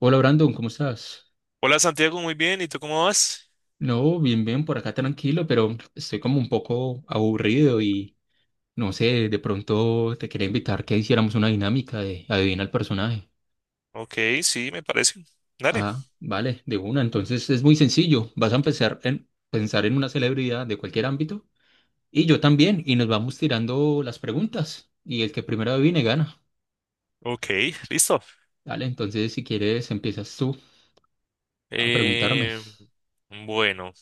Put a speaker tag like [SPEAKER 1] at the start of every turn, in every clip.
[SPEAKER 1] Hola Brandon, ¿cómo estás?
[SPEAKER 2] Hola Santiago, muy bien. ¿Y tú cómo vas?
[SPEAKER 1] No, bien, bien, por acá tranquilo, pero estoy como un poco aburrido y no sé, de pronto te quería invitar que hiciéramos una dinámica de adivina el personaje.
[SPEAKER 2] Ok, sí, me parece. Dale.
[SPEAKER 1] Ah, vale, de una. Entonces es muy sencillo. Vas a empezar en pensar en una celebridad de cualquier ámbito y yo también, y nos vamos tirando las preguntas y el que primero adivine gana.
[SPEAKER 2] Ok, listo.
[SPEAKER 1] Vale, entonces si quieres empiezas tú a preguntarme.
[SPEAKER 2] Eh, bueno,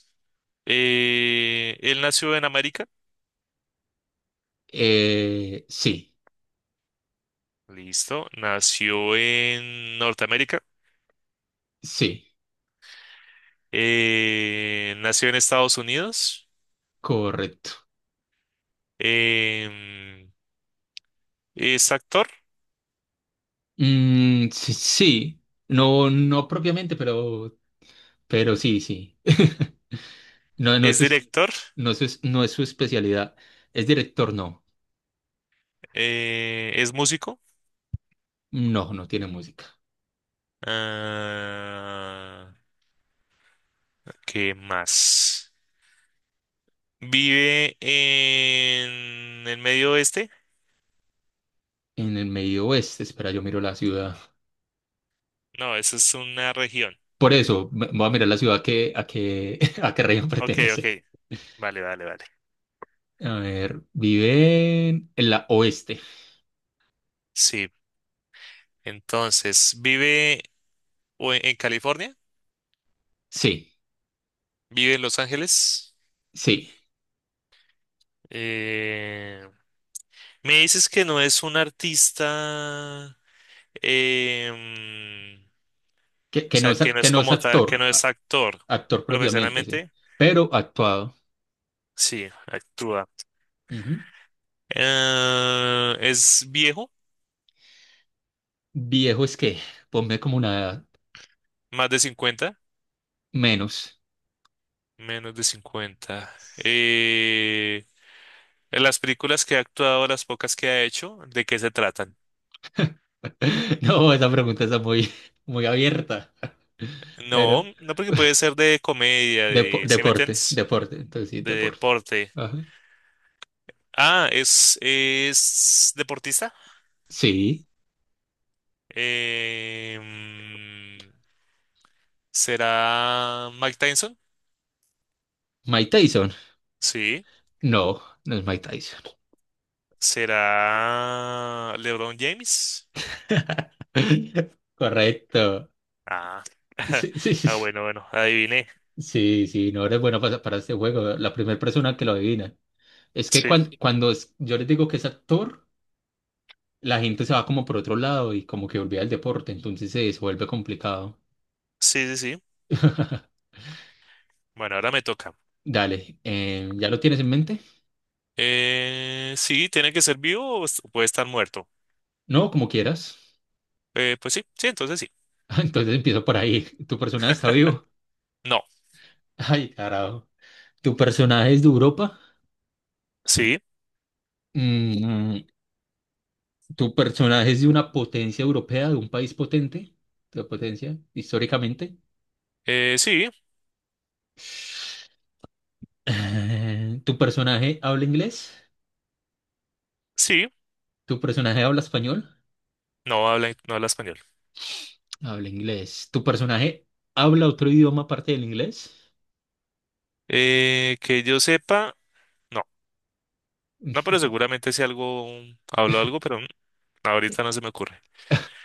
[SPEAKER 2] eh, él nació en América.
[SPEAKER 1] Sí,
[SPEAKER 2] Listo. Nació en Norteamérica.
[SPEAKER 1] sí,
[SPEAKER 2] Nació en Estados Unidos.
[SPEAKER 1] correcto.
[SPEAKER 2] Em, es actor,
[SPEAKER 1] Mm, sí, sí. No, no propiamente, pero sí, sí. No,
[SPEAKER 2] es director,
[SPEAKER 1] no es su especialidad. ¿Es director? No,
[SPEAKER 2] es músico.
[SPEAKER 1] no, no tiene música.
[SPEAKER 2] Ah, ¿qué más? Vive en el medio oeste.
[SPEAKER 1] En el medio oeste, espera, yo miro la ciudad.
[SPEAKER 2] No, eso es una región.
[SPEAKER 1] Por eso, voy a mirar la ciudad que, a qué, a qué región
[SPEAKER 2] Ok, ok.
[SPEAKER 1] pertenece.
[SPEAKER 2] Vale, vale, vale.
[SPEAKER 1] A ver, vive en, la oeste.
[SPEAKER 2] Sí. Entonces, vive o en California,
[SPEAKER 1] Sí,
[SPEAKER 2] vive en Los Ángeles.
[SPEAKER 1] sí.
[SPEAKER 2] Eh, me dices que no es un artista, o
[SPEAKER 1] Que no
[SPEAKER 2] sea,
[SPEAKER 1] es,
[SPEAKER 2] que no
[SPEAKER 1] que
[SPEAKER 2] es
[SPEAKER 1] no es
[SPEAKER 2] como tal, que
[SPEAKER 1] actor,
[SPEAKER 2] no es actor
[SPEAKER 1] actor propiamente, sí.
[SPEAKER 2] profesionalmente.
[SPEAKER 1] Pero ha actuado.
[SPEAKER 2] Sí, actúa.
[SPEAKER 1] Ujú.
[SPEAKER 2] Es viejo,
[SPEAKER 1] Viejo es que, ponme como una edad.
[SPEAKER 2] más de 50,
[SPEAKER 1] Menos.
[SPEAKER 2] menos de 50. En las películas que ha actuado, las pocas que ha hecho, ¿de qué se tratan?
[SPEAKER 1] No, esa pregunta está muy, muy abierta.
[SPEAKER 2] No,
[SPEAKER 1] Pero
[SPEAKER 2] no porque puede ser de comedia, ¿sí me
[SPEAKER 1] deporte,
[SPEAKER 2] entiendes?
[SPEAKER 1] deporte. Entonces sí,
[SPEAKER 2] De
[SPEAKER 1] deporte.
[SPEAKER 2] deporte.
[SPEAKER 1] Ajá.
[SPEAKER 2] Ah, es deportista.
[SPEAKER 1] Sí.
[SPEAKER 2] Em, ¿será Mike Tyson?
[SPEAKER 1] Mike Tyson.
[SPEAKER 2] Sí.
[SPEAKER 1] No, no es Mike Tyson.
[SPEAKER 2] ¿Será LeBron James?
[SPEAKER 1] Correcto.
[SPEAKER 2] Ah,
[SPEAKER 1] Sí, sí, sí.
[SPEAKER 2] Ah,
[SPEAKER 1] Sí,
[SPEAKER 2] bueno, bueno, adiviné.
[SPEAKER 1] sí, sí, no eres bueno para este juego. La primera persona que lo adivina. Es que
[SPEAKER 2] Sí,
[SPEAKER 1] yo les digo que es actor, la gente se va como por otro lado y como que olvida el deporte, entonces se vuelve complicado.
[SPEAKER 2] sí, sí, sí. Bueno, ahora me toca.
[SPEAKER 1] Dale, ¿ya lo tienes en mente?
[SPEAKER 2] Sí, tiene que ser vivo o puede estar muerto.
[SPEAKER 1] No, como quieras.
[SPEAKER 2] Pues sí, sí, entonces sí.
[SPEAKER 1] Entonces empiezo por ahí. ¿Tu personaje está vivo?
[SPEAKER 2] No,
[SPEAKER 1] Ay, carajo. ¿Tu personaje es de Europa?
[SPEAKER 2] sí,
[SPEAKER 1] Mm, ¿Tu personaje es de una potencia europea, de un país potente? ¿De potencia históricamente?
[SPEAKER 2] sí,
[SPEAKER 1] ¿Tu personaje habla inglés?
[SPEAKER 2] sí,
[SPEAKER 1] ¿Tu personaje habla español?
[SPEAKER 2] no habla español.
[SPEAKER 1] Habla inglés. ¿Tu personaje habla otro idioma aparte del inglés?
[SPEAKER 2] Que yo sepa, no, no, pero seguramente si algo, hablo algo, pero ahorita no se me ocurre.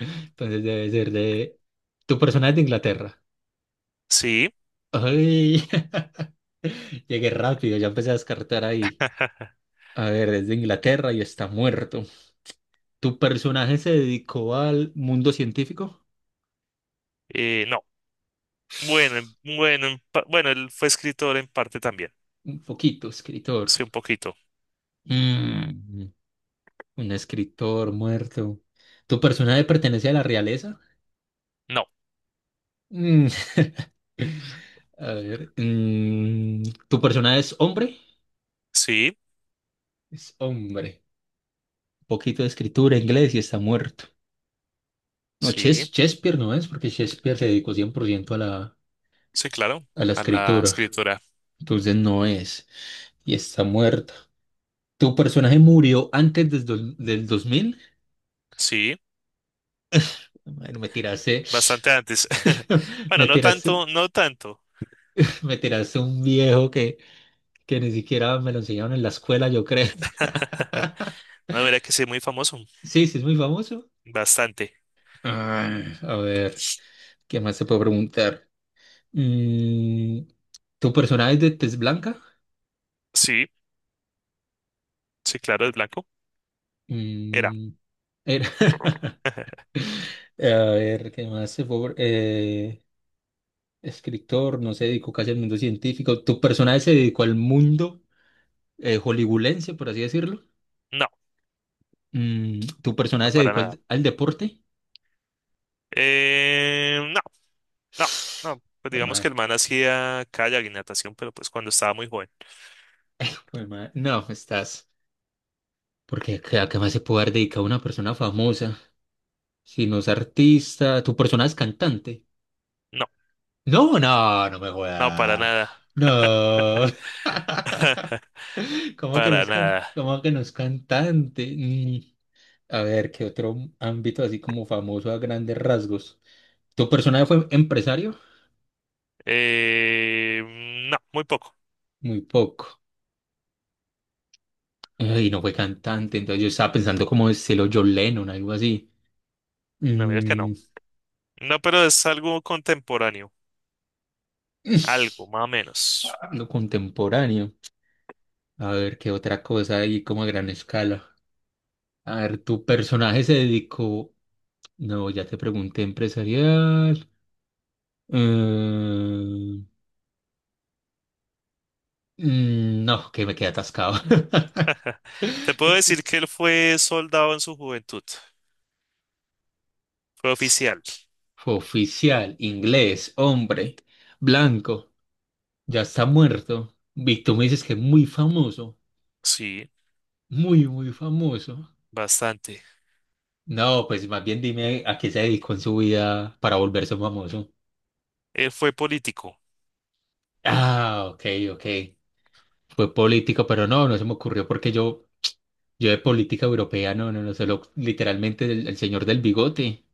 [SPEAKER 1] Entonces debe ser de. ¿Tu personaje es de Inglaterra?
[SPEAKER 2] Sí,
[SPEAKER 1] Ay, llegué rápido, ya empecé a descartar ahí. A ver, es de Inglaterra y está muerto. ¿Tu personaje se dedicó al mundo científico?
[SPEAKER 2] no, bueno, bueno, bueno, él fue escritor en parte también,
[SPEAKER 1] Un poquito, escritor.
[SPEAKER 2] sí, un poquito.
[SPEAKER 1] Mm, un escritor muerto. ¿Tu personaje pertenece a la realeza?
[SPEAKER 2] No,
[SPEAKER 1] Mm, A ver, ¿tu personaje es hombre?
[SPEAKER 2] sí,
[SPEAKER 1] Es hombre. Un poquito de escritura, inglés y está muerto. No,
[SPEAKER 2] sí,
[SPEAKER 1] Shakespeare no es, porque Shakespeare se dedicó 100% a la,
[SPEAKER 2] sí, claro,
[SPEAKER 1] a la
[SPEAKER 2] a la
[SPEAKER 1] escritura.
[SPEAKER 2] escritora,
[SPEAKER 1] Entonces no es. Y está muerta. ¿Tu personaje murió antes del 2000?
[SPEAKER 2] sí,
[SPEAKER 1] Bueno, me tiraste,
[SPEAKER 2] bastante antes. Bueno,
[SPEAKER 1] me
[SPEAKER 2] no
[SPEAKER 1] tiraste,
[SPEAKER 2] tanto, no tanto.
[SPEAKER 1] me tiraste un viejo que ni siquiera me lo enseñaron en la escuela, yo creo.
[SPEAKER 2] No, mira que sí, muy famoso,
[SPEAKER 1] Sí, sí, es muy famoso.
[SPEAKER 2] bastante.
[SPEAKER 1] Ah, a ver, ¿qué más se puede preguntar? Mm, ¿Tu personaje es de tez blanca?
[SPEAKER 2] Sí. Sí, claro, es blanco. Era.
[SPEAKER 1] Mm, era. A ver, ¿qué más se fue? Escritor, no se dedicó casi al mundo científico. ¿Tu personaje se dedicó al mundo hollywoodense, por así decirlo?
[SPEAKER 2] No,
[SPEAKER 1] ¿Tu personaje
[SPEAKER 2] no
[SPEAKER 1] se
[SPEAKER 2] para
[SPEAKER 1] dedicó
[SPEAKER 2] nada.
[SPEAKER 1] al deporte?
[SPEAKER 2] No, no, no. Pues
[SPEAKER 1] Jue
[SPEAKER 2] digamos que
[SPEAKER 1] madre,
[SPEAKER 2] el man hacía kayak y natación, pero pues cuando estaba muy joven.
[SPEAKER 1] jue madre. No, estás. Porque ¿a qué más se puede haber dedicado una persona famosa? Si no es artista, ¿tu personaje es cantante?
[SPEAKER 2] No,
[SPEAKER 1] No, no, no me
[SPEAKER 2] no, para
[SPEAKER 1] jodas.
[SPEAKER 2] nada,
[SPEAKER 1] No. ¿Cómo que no
[SPEAKER 2] para
[SPEAKER 1] es can-
[SPEAKER 2] nada.
[SPEAKER 1] cómo que no es cantante? A ver, ¿qué otro ámbito así como famoso a grandes rasgos? ¿Tu personaje fue empresario?
[SPEAKER 2] Eh, no, muy poco.
[SPEAKER 1] Muy poco. Y no fue cantante, entonces yo estaba pensando como estilo John Lennon, algo así.
[SPEAKER 2] No, mira que no.
[SPEAKER 1] Mm,
[SPEAKER 2] No, pero es algo contemporáneo. Algo, más o menos.
[SPEAKER 1] lo contemporáneo. A ver, ¿qué otra cosa ahí como a gran escala? A ver, ¿tu personaje se dedicó? No, ya te pregunté empresarial. Eh, no, que me quedé atascado.
[SPEAKER 2] Te
[SPEAKER 1] Me
[SPEAKER 2] puedo decir
[SPEAKER 1] quedé-
[SPEAKER 2] que él fue soldado en su juventud. Fue oficial.
[SPEAKER 1] Oficial, inglés, hombre, blanco, ya está muerto. Víctor me dices que es muy famoso,
[SPEAKER 2] Sí,
[SPEAKER 1] muy, muy famoso.
[SPEAKER 2] bastante.
[SPEAKER 1] No, pues más bien dime a qué se dedicó en su vida para volverse famoso.
[SPEAKER 2] Él fue político.
[SPEAKER 1] Ah, ok, ok. Fue político, pero no, no se me ocurrió porque yo de política europea, no, no, no, solo literalmente el, señor del bigote,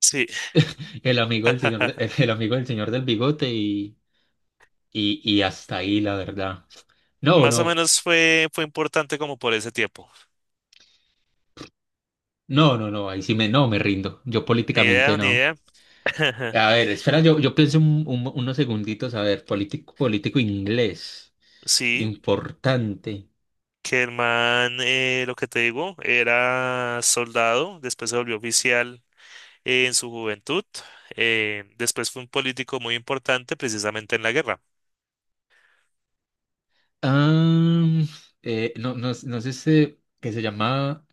[SPEAKER 2] Sí.
[SPEAKER 1] el amigo del señor, el, amigo del señor del bigote y hasta ahí, la verdad. No,
[SPEAKER 2] Más o
[SPEAKER 1] no.
[SPEAKER 2] menos fue, importante como por ese tiempo.
[SPEAKER 1] No, no, no, ahí sí me, no, me rindo. Yo
[SPEAKER 2] Ni
[SPEAKER 1] políticamente
[SPEAKER 2] idea, ni
[SPEAKER 1] no.
[SPEAKER 2] idea.
[SPEAKER 1] A ver, espera, yo pienso unos segunditos. A ver, político, político inglés,
[SPEAKER 2] Sí,
[SPEAKER 1] importante.
[SPEAKER 2] que el man, lo que te digo, era soldado, después se volvió oficial en su juventud, después fue un político muy importante precisamente en la guerra.
[SPEAKER 1] Ah, no, no, no sé si, que se llama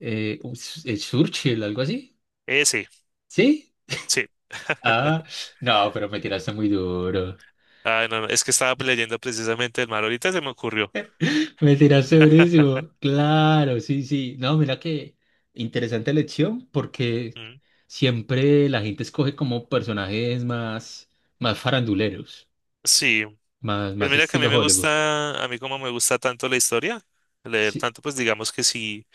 [SPEAKER 1] Churchill, algo así.
[SPEAKER 2] Sí,
[SPEAKER 1] ¿Sí?
[SPEAKER 2] sí.
[SPEAKER 1] Ah, no, pero me tiraste muy duro.
[SPEAKER 2] Ah, no, no, es que estaba leyendo precisamente el mar, ahorita se me ocurrió.
[SPEAKER 1] Me tiraste durísimo. Claro, sí, sí. No, mira que interesante elección porque
[SPEAKER 2] Mm.
[SPEAKER 1] siempre la gente escoge como personajes más, más faranduleros,
[SPEAKER 2] Sí,
[SPEAKER 1] más,
[SPEAKER 2] pues
[SPEAKER 1] más
[SPEAKER 2] mira que a mí
[SPEAKER 1] estilo
[SPEAKER 2] me
[SPEAKER 1] Hollywood.
[SPEAKER 2] gusta, a mí como me gusta tanto la historia, leer
[SPEAKER 1] Sí,
[SPEAKER 2] tanto, pues digamos que sí.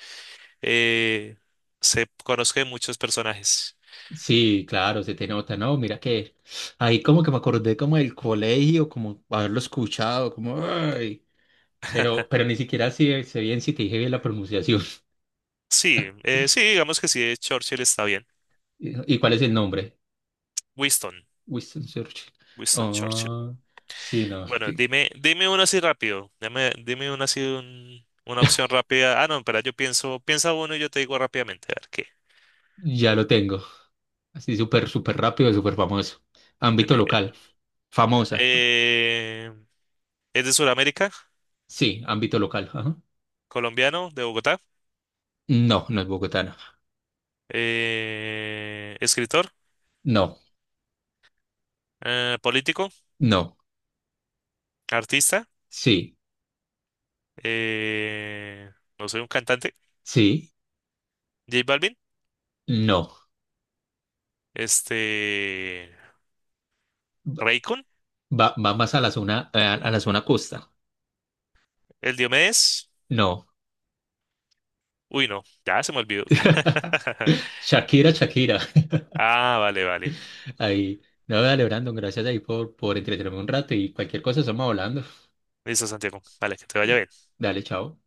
[SPEAKER 2] eh, se conozca de muchos personajes.
[SPEAKER 1] sí, claro, se te nota, ¿no? Mira que ahí como que me acordé como del colegio, como haberlo escuchado, como, ay, pero ni siquiera sé bien si te dije bien la pronunciación.
[SPEAKER 2] Sí, sí, digamos que sí, Churchill está bien.
[SPEAKER 1] ¿Y cuál es el nombre?
[SPEAKER 2] Winston,
[SPEAKER 1] Winston Churchill.
[SPEAKER 2] Winston Churchill.
[SPEAKER 1] Ah, sí, no.
[SPEAKER 2] Bueno, dime, dime uno así rápido. Dime, dime uno así, una opción rápida. Ah, no, espera, yo pienso, piensa uno y yo te digo rápidamente, a ver qué.
[SPEAKER 1] Ya lo tengo. Así súper, súper rápido, súper famoso. Ámbito
[SPEAKER 2] Dime.
[SPEAKER 1] local. Famosa.
[SPEAKER 2] eh, es de Sudamérica,
[SPEAKER 1] Sí, ámbito local. Ajá.
[SPEAKER 2] colombiano, de Bogotá,
[SPEAKER 1] No, no es bogotana.
[SPEAKER 2] escritor,
[SPEAKER 1] No,
[SPEAKER 2] político,
[SPEAKER 1] no.
[SPEAKER 2] artista,
[SPEAKER 1] Sí,
[SPEAKER 2] eh, no soy un cantante.
[SPEAKER 1] sí,
[SPEAKER 2] J Balvin,
[SPEAKER 1] no.
[SPEAKER 2] este,
[SPEAKER 1] Va,
[SPEAKER 2] Raycon,
[SPEAKER 1] va más a la zona, a la zona costa.
[SPEAKER 2] el Diomedes.
[SPEAKER 1] No.
[SPEAKER 2] Uy, no, ya se me olvidó.
[SPEAKER 1] Shakira, Shakira.
[SPEAKER 2] Ah, vale, vale.
[SPEAKER 1] Ahí. No, dale, Brandon, gracias ahí por, entretenerme un rato y cualquier cosa estamos hablando.
[SPEAKER 2] Listo, Santiago. Vale, que te vaya bien.
[SPEAKER 1] Dale, chao.